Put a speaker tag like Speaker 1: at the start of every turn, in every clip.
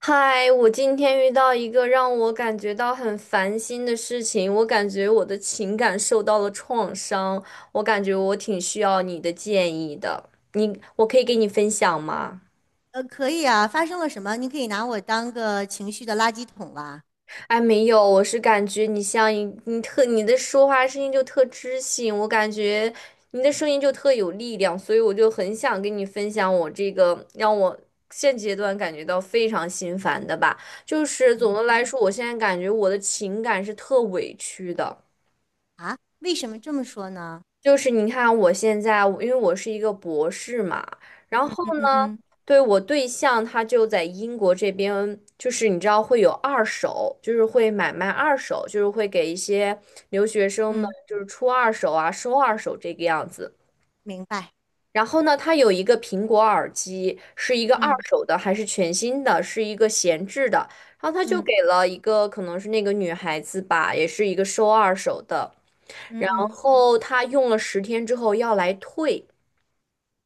Speaker 1: 嗨，我今天遇到一个让我感觉到很烦心的事情，我感觉我的情感受到了创伤，我感觉我挺需要你的建议的，你，我可以给你分享吗？
Speaker 2: 可以啊，发生了什么？你可以拿我当个情绪的垃圾桶啦。
Speaker 1: 哎，没有，我是感觉你像一你特你的说话声音就特知性，我感觉你的声音就特有力量，所以我就很想跟你分享我这个让我现阶段感觉到非常心烦的吧，就是总
Speaker 2: 嗯
Speaker 1: 的来
Speaker 2: 哼。
Speaker 1: 说，我现在感觉我的情感是特委屈的。
Speaker 2: 啊，为什么这么说呢？
Speaker 1: 就是你看，我现在因为我是一个博士嘛，
Speaker 2: 嗯
Speaker 1: 然
Speaker 2: 嗯。
Speaker 1: 后
Speaker 2: 嗯嗯
Speaker 1: 呢，
Speaker 2: 嗯
Speaker 1: 对我对象他就在英国这边，就是你知道会有二手，就是会买卖二手，就是会给一些留学生们
Speaker 2: 嗯，
Speaker 1: 就是出二手啊，收二手这个样子。
Speaker 2: 明白。
Speaker 1: 然后呢，他有一个苹果耳机，是一个二
Speaker 2: 嗯
Speaker 1: 手的还是全新的，是一个闲置的。然后他就
Speaker 2: 嗯
Speaker 1: 给了一个可能是那个女孩子吧，也是一个收二手的。
Speaker 2: 嗯
Speaker 1: 然
Speaker 2: 嗯，
Speaker 1: 后他用了10天之后要来退，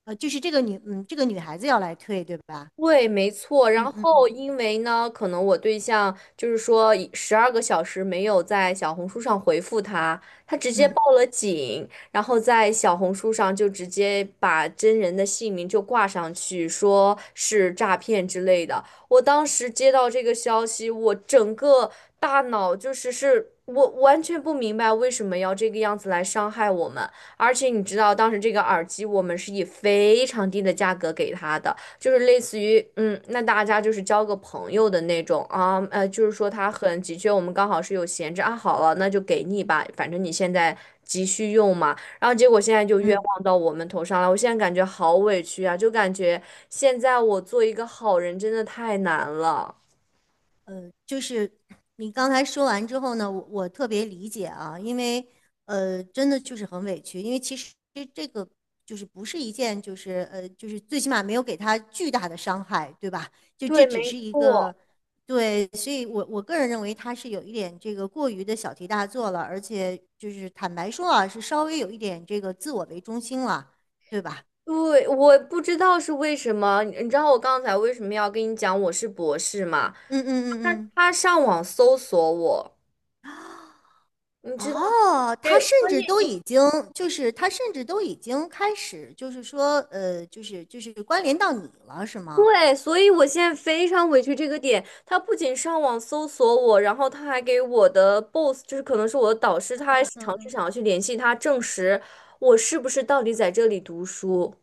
Speaker 2: 就是这个女，嗯，这个女孩子要来退，对吧？
Speaker 1: 对，没错。然
Speaker 2: 嗯嗯
Speaker 1: 后，
Speaker 2: 嗯
Speaker 1: 因为呢，可能我对象就是说，十二个小时没有在小红书上回复他，他直接
Speaker 2: 嗯
Speaker 1: 报了警，然后在小红书上就直接把真人的姓名就挂上去，说是诈骗之类的。我当时接到这个消息，我整个大脑就是是。我完全不明白为什么要这个样子来伤害我们，而且你知道，当时这个耳机我们是以非常低的价格给他的。就是类似于，那大家就是交个朋友的那种啊，就是说他很急缺，我们刚好是有闲置啊，好了，那就给你吧，反正你现在急需用嘛。然后结果现在就冤
Speaker 2: 嗯。
Speaker 1: 枉到我们头上了，我现在感觉好委屈啊，就感觉现在我做一个好人真的太难了。
Speaker 2: 呃，就是你刚才说完之后呢，我特别理解啊，因为真的就是很委屈，因为其实这个不是一件就是最起码没有给他巨大的伤害，对吧？就这
Speaker 1: 对，
Speaker 2: 只是
Speaker 1: 没
Speaker 2: 一
Speaker 1: 错。
Speaker 2: 个。对，所以我个人认为他是有一点这个过于的小题大做了，而且就是坦白说啊，是稍微有一点这个自我为中心了，对吧？
Speaker 1: 对，我不知道是为什么，你知道我刚才为什么要跟你讲我是博士吗？
Speaker 2: 嗯。嗯嗯
Speaker 1: 他
Speaker 2: 嗯。
Speaker 1: 他上网搜索我，你知道，
Speaker 2: 哦，
Speaker 1: 对，
Speaker 2: 他甚
Speaker 1: 所以。
Speaker 2: 至都已经。就是他甚至都已经开始关联到你了是吗？
Speaker 1: 对，所以我现在非常委屈这个点。他不仅上网搜索我，然后他还给我的 boss，就是可能是我的导师，他还
Speaker 2: 嗯
Speaker 1: 尝试
Speaker 2: 嗯。
Speaker 1: 想要去联系他，证实我是不是到底在这里读书。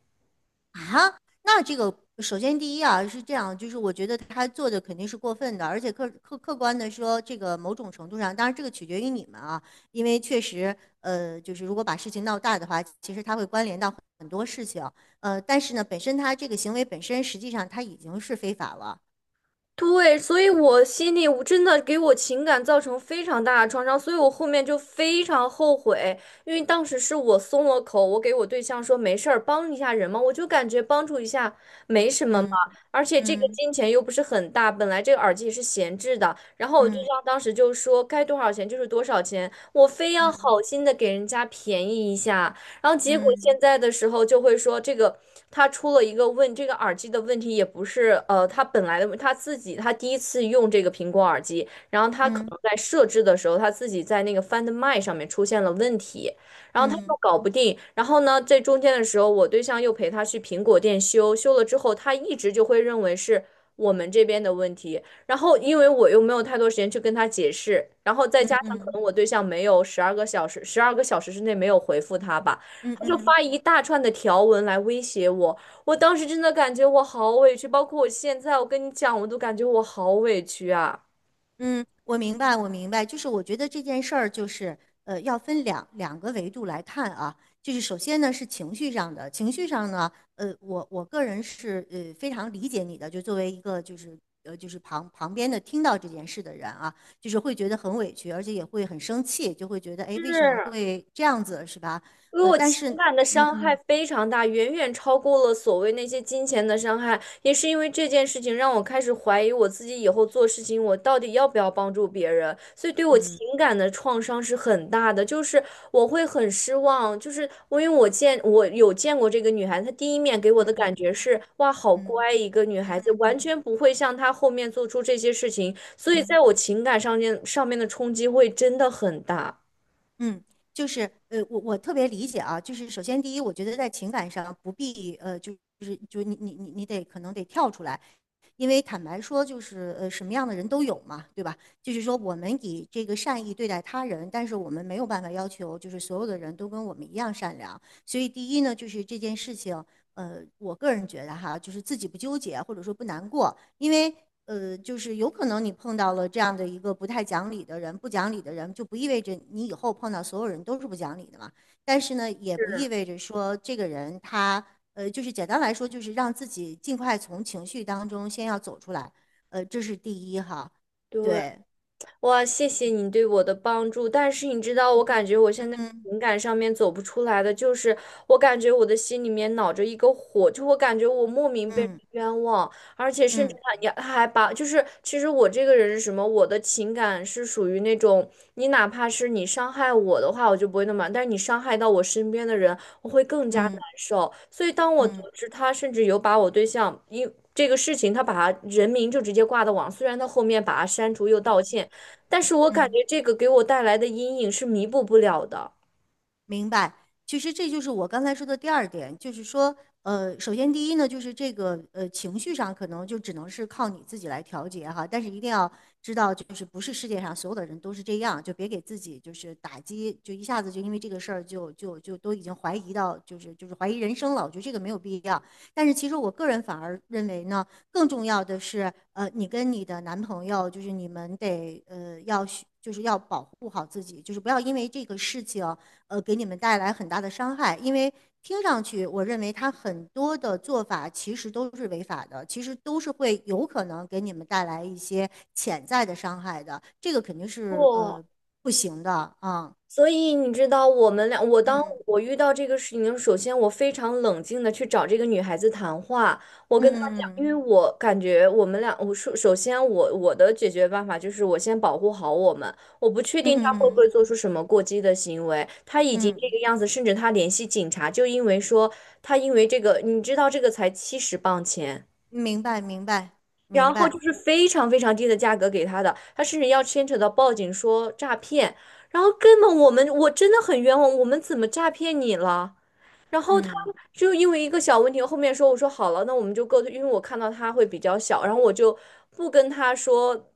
Speaker 2: 啊，那这个首先第一啊是这样，就是我觉得他做的肯定是过分的，而且客观的说，这个某种程度上，当然这个取决于你们啊，因为确实，就是如果把事情闹大的话，其实他会关联到很多事情，但是呢，本身他这个行为本身实际上他已经是非法了，
Speaker 1: 对，所以我心里我真的给我情感造成非常大的创伤，所以我后面就非常后悔，因为当时是我松了口，我给我对象说没事儿，帮一下人嘛，我就感觉帮助一下没什么嘛，
Speaker 2: 嗯
Speaker 1: 而且这个
Speaker 2: 嗯
Speaker 1: 金钱又不是很大，本来这个耳机也是闲置的，然后我对
Speaker 2: 嗯
Speaker 1: 象当时就说该多少钱就是多少钱，我非要
Speaker 2: 嗯。
Speaker 1: 好心的给人家便宜一下。然后结果
Speaker 2: 嗯
Speaker 1: 现在的时候就会说，这个他出了一个问，这个耳机的问题也不是他本来的问他自己他第一次用这个苹果耳机，然后他可
Speaker 2: 嗯
Speaker 1: 能在设置的时候，他自己在那个 Find My 上面出现了问题，然后他
Speaker 2: 嗯
Speaker 1: 又搞不定，然后呢，在中间的时候，我对象又陪他去苹果店修，修了之后，他一直就会认为是我们这边的问题。然后因为我又没有太多时间去跟他解释，然后再
Speaker 2: 嗯
Speaker 1: 加上可
Speaker 2: 嗯
Speaker 1: 能我对象没有十二个小时，十二个小时之内没有回复他吧。
Speaker 2: 嗯
Speaker 1: 就
Speaker 2: 嗯。
Speaker 1: 发一大串的条文来威胁我，我当时真的感觉我好委屈，包括我现在，我跟你讲，我都感觉我好委屈啊。
Speaker 2: 嗯，我明白，我明白。就是我觉得这件事儿，要分两个维度来看啊。就是首先呢是情绪上的，情绪上呢，我个人是非常理解你的，就作为一个旁边的听到这件事的人啊，就是会觉得很委屈，而且也会很生气，就会觉得哎为
Speaker 1: 是
Speaker 2: 什么会这样子是吧？
Speaker 1: 因为
Speaker 2: 呃，
Speaker 1: 我
Speaker 2: 但
Speaker 1: 情
Speaker 2: 是
Speaker 1: 感的
Speaker 2: 嗯
Speaker 1: 伤害
Speaker 2: 嗯
Speaker 1: 非常大，远远超过了所谓那些金钱的伤害。也是因为这件事情，让我开始怀疑我自己以后做事情，我到底要不要帮助别人。所以对我
Speaker 2: 嗯
Speaker 1: 情感的创伤是很大的，就是我会很失望。就是我因为我见我有见过这个女孩子她第一面给我
Speaker 2: 嗯
Speaker 1: 的
Speaker 2: 嗯
Speaker 1: 感
Speaker 2: 嗯嗯嗯嗯
Speaker 1: 觉是哇，好
Speaker 2: 嗯
Speaker 1: 乖一个女
Speaker 2: 嗯。
Speaker 1: 孩子，
Speaker 2: 嗯
Speaker 1: 完
Speaker 2: 嗯
Speaker 1: 全不会像她后面做出这些事情。所以
Speaker 2: 嗯。
Speaker 1: 在我情感上面的冲击会真的很大。
Speaker 2: 嗯，就是我特别理解啊，就是首先第一，我觉得在情感上不必就是就你得可能得跳出来，因为坦白说，什么样的人都有嘛，对吧？就是说，我们以这个善意对待他人，但是我们没有办法要求，就是所有的人都跟我们一样善良。所以，第一呢，就是这件事情，我个人觉得哈，就是自己不纠结或者说不难过，因为就是有可能你碰到了这样的一个不太讲理的人，不讲理的人就不意味着你以后碰到所有人都是不讲理的嘛。但是呢，也不意
Speaker 1: 是
Speaker 2: 味着说这个人他就是简单来说，就是让自己尽快从情绪当中先要走出来，这是第一哈。
Speaker 1: 对。
Speaker 2: 对，
Speaker 1: 哇，谢谢你对我的帮助，但是你知道，我感觉我现在
Speaker 2: 嗯
Speaker 1: 情感上面走不出来的，就是我感觉我的心里面恼着一个火，就我感觉我莫名被人
Speaker 2: 嗯
Speaker 1: 冤枉，而且甚至
Speaker 2: 嗯
Speaker 1: 他你还把，就是其实我这个人是什么，我的情感是属于那种，你哪怕是你伤害我的话，我就不会那么，但是你伤害到我身边的人，我会更加难
Speaker 2: 嗯
Speaker 1: 受。所以当我得
Speaker 2: 嗯嗯
Speaker 1: 知他甚至有把我对象因这个事情，他把他人名就直接挂到网，虽然他后面把他删除又道歉。但是我感
Speaker 2: 嗯。
Speaker 1: 觉这个给我带来的阴影是弥补不了的。
Speaker 2: 明白，其实这就是我刚才说的第二点，就是说，首先第一呢，就是这个情绪上可能就只能是靠你自己来调节哈，但是一定要知道，就是不是世界上所有的人都是这样，就别给自己就是打击，就一下子就因为这个事儿就都已经怀疑到就是怀疑人生了，我觉得这个没有必要。但是其实我个人反而认为呢，更重要的是，你跟你的男朋友，就是你们得要要保护好自己，就是不要因为这个事情。给你们带来很大的伤害，因为听上去，我认为他很多的做法其实都是违法的，其实都是会有可能给你们带来一些潜在的伤害的，这个肯定是
Speaker 1: 不，
Speaker 2: 不行的啊。
Speaker 1: 所以你知道，我们俩，我当
Speaker 2: 嗯，
Speaker 1: 我遇到这个事情的时候，首先我非常冷静的去找这个女孩子谈话，我
Speaker 2: 嗯
Speaker 1: 跟她讲，因
Speaker 2: 嗯
Speaker 1: 为我感觉我们俩，我首先我的解决办法就是我先保护好我们，我不确
Speaker 2: 嗯嗯
Speaker 1: 定她会不
Speaker 2: 嗯
Speaker 1: 会做出什么过激的行为，她已经这
Speaker 2: 嗯，
Speaker 1: 个样子，甚至她联系警察，就因为说她因为这个，你知道这个才70磅钱。
Speaker 2: 明白明白明
Speaker 1: 然后
Speaker 2: 白，
Speaker 1: 就是非常非常低的价格给他的，他甚至要牵扯到报警说诈骗，然后根本我们我真的很冤枉，我们怎么诈骗你了？然后他
Speaker 2: 嗯
Speaker 1: 就因为一个小问题，后面说我说好了，那我们就各退，因为我看到他会比较小，然后我就不跟他说，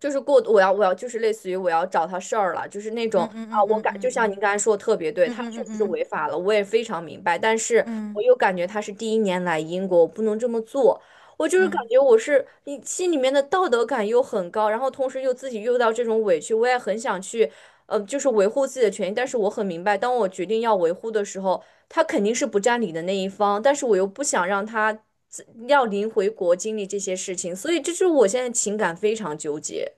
Speaker 1: 就是过我要就是类似于我要找他事儿了，就是那种
Speaker 2: 嗯嗯
Speaker 1: 啊，
Speaker 2: 嗯
Speaker 1: 我
Speaker 2: 嗯
Speaker 1: 感就
Speaker 2: 嗯
Speaker 1: 像您
Speaker 2: 嗯
Speaker 1: 刚才说的特别对，
Speaker 2: 嗯
Speaker 1: 他
Speaker 2: 嗯
Speaker 1: 确
Speaker 2: 嗯
Speaker 1: 实是违
Speaker 2: 嗯
Speaker 1: 法了，我也非常明白，但是我
Speaker 2: 嗯
Speaker 1: 又感觉他是第一年来英国，我不能这么做。我就是感
Speaker 2: 嗯。
Speaker 1: 觉我是你心里面的道德感又很高，然后同时又自己又到这种委屈，我也很想去就是维护自己的权益。但是我很明白，当我决定要维护的时候，他肯定是不占理的那一方，但是我又不想让他自要临回国经历这些事情，所以这就是我现在情感非常纠结。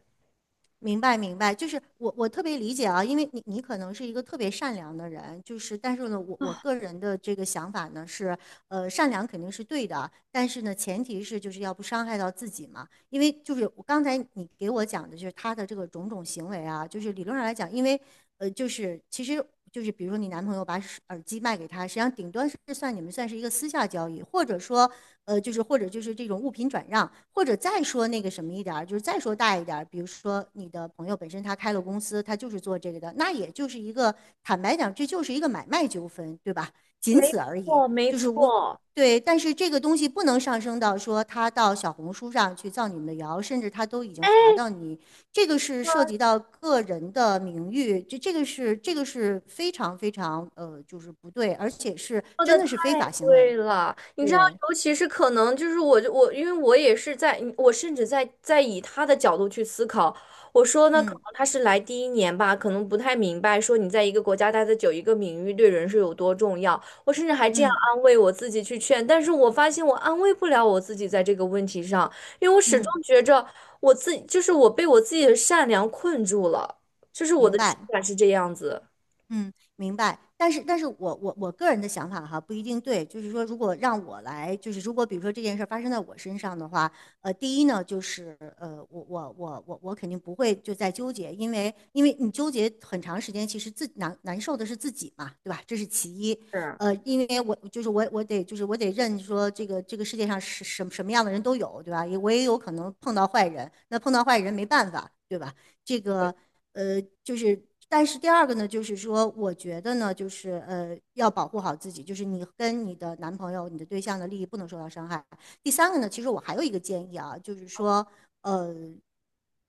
Speaker 2: 明白，明白，就是我特别理解啊，因为你你可能是一个特别善良的人，就是但是呢，我个人的这个想法呢是，善良肯定是对的，但是呢，前提是就是要不伤害到自己嘛，因为就是我刚才你给我讲的就是他的这个种种行为啊，就是理论上来讲，因为其实就是比如说你男朋友把耳机卖给他，实际上顶端是算你们算是一个私下交易，或者说就是或者就是这种物品转让，或者再说那个什么一点儿，就是再说大一点儿，比如说你的朋友本身他开了公司，他就是做这个的，那也就是一个坦白讲，这就是一个买卖纠纷，对吧？仅
Speaker 1: 没
Speaker 2: 此而已，
Speaker 1: 错，没
Speaker 2: 就是无。
Speaker 1: 错。
Speaker 2: 对，但是这个东西不能上升到说他到小红书上去造你们的谣，甚至他都已经查到你，这个是涉及到个人的名誉，这个是这个是非常非常就是不对，而且是
Speaker 1: 说
Speaker 2: 真
Speaker 1: 的太
Speaker 2: 的是非法行为，
Speaker 1: 贵了，你知道，
Speaker 2: 对，
Speaker 1: 尤其是可能就是我，因为我也是在，我甚至在以他的角度去思考，我说呢，可
Speaker 2: 嗯。
Speaker 1: 能他是来第一年吧，可能不太明白说你在一个国家待的久，一个名誉对人是有多重要，我甚至还这样
Speaker 2: 嗯。
Speaker 1: 安慰我自己去劝，但是我发现我安慰不了我自己在这个问题上，因为我始终
Speaker 2: 嗯，
Speaker 1: 觉着我自己就是我被我自己的善良困住了，就是我的
Speaker 2: 明
Speaker 1: 情
Speaker 2: 白，
Speaker 1: 感是这样子，
Speaker 2: 嗯，明白。但是，但是我个人的想法哈不一定对，就是说，如果让我来，就是如果比如说这件事儿发生在我身上的话，第一呢，我肯定不会就在纠结，因为因为你纠结很长时间，其实自难难受的是自己嘛，对吧？这是其一。
Speaker 1: 是。
Speaker 2: 因为我就是我我得就是我得认说这个这个世界上是什么样的人都有，对吧？也我也有可能碰到坏人，那碰到坏人没办法，对吧？这个。呃，就是但是第二个呢，就是说，我觉得呢，要保护好自己，就是你跟你的男朋友、你的对象的利益不能受到伤害。第三个呢，其实我还有一个建议啊，就是说，呃。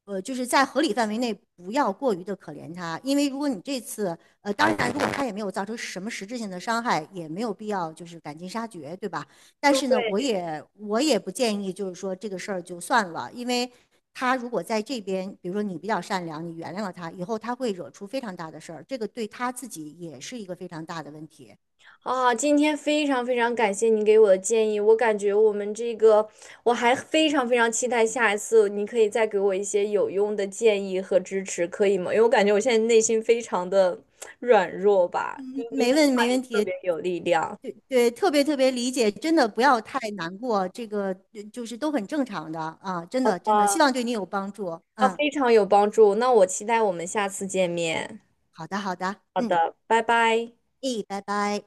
Speaker 2: 就是在合理范围内，不要过于的可怜他，因为如果你这次，呃，当然，如果他也没有造成什么实质性的伤害，也没有必要就是赶尽杀绝，对吧？但是呢，我
Speaker 1: 对。
Speaker 2: 也我也不建议，就是说这个事儿就算了，因为他如果在这边，比如说你比较善良，你原谅了他，以后他会惹出非常大的事儿，这个对他自己也是一个非常大的问题。
Speaker 1: 啊，今天非常非常感谢你给我的建议，我感觉我们这个，我还非常非常期待下一次你可以再给我一些有用的建议和支持，可以吗？因为我感觉我现在内心非常的软弱吧，你
Speaker 2: 嗯，
Speaker 1: 您的
Speaker 2: 没
Speaker 1: 话语
Speaker 2: 问
Speaker 1: 特
Speaker 2: 题，
Speaker 1: 别有力量。
Speaker 2: 对对，特别特别理解，真的不要太难过，这个就是都很正常的啊，真
Speaker 1: 好
Speaker 2: 的真的，希
Speaker 1: 的，
Speaker 2: 望对你有帮助。
Speaker 1: 啊，
Speaker 2: 嗯，
Speaker 1: 非常有帮助。那我期待我们下次见面。
Speaker 2: 好的好的，
Speaker 1: 好
Speaker 2: 嗯，
Speaker 1: 的，拜拜。
Speaker 2: 咦，拜拜。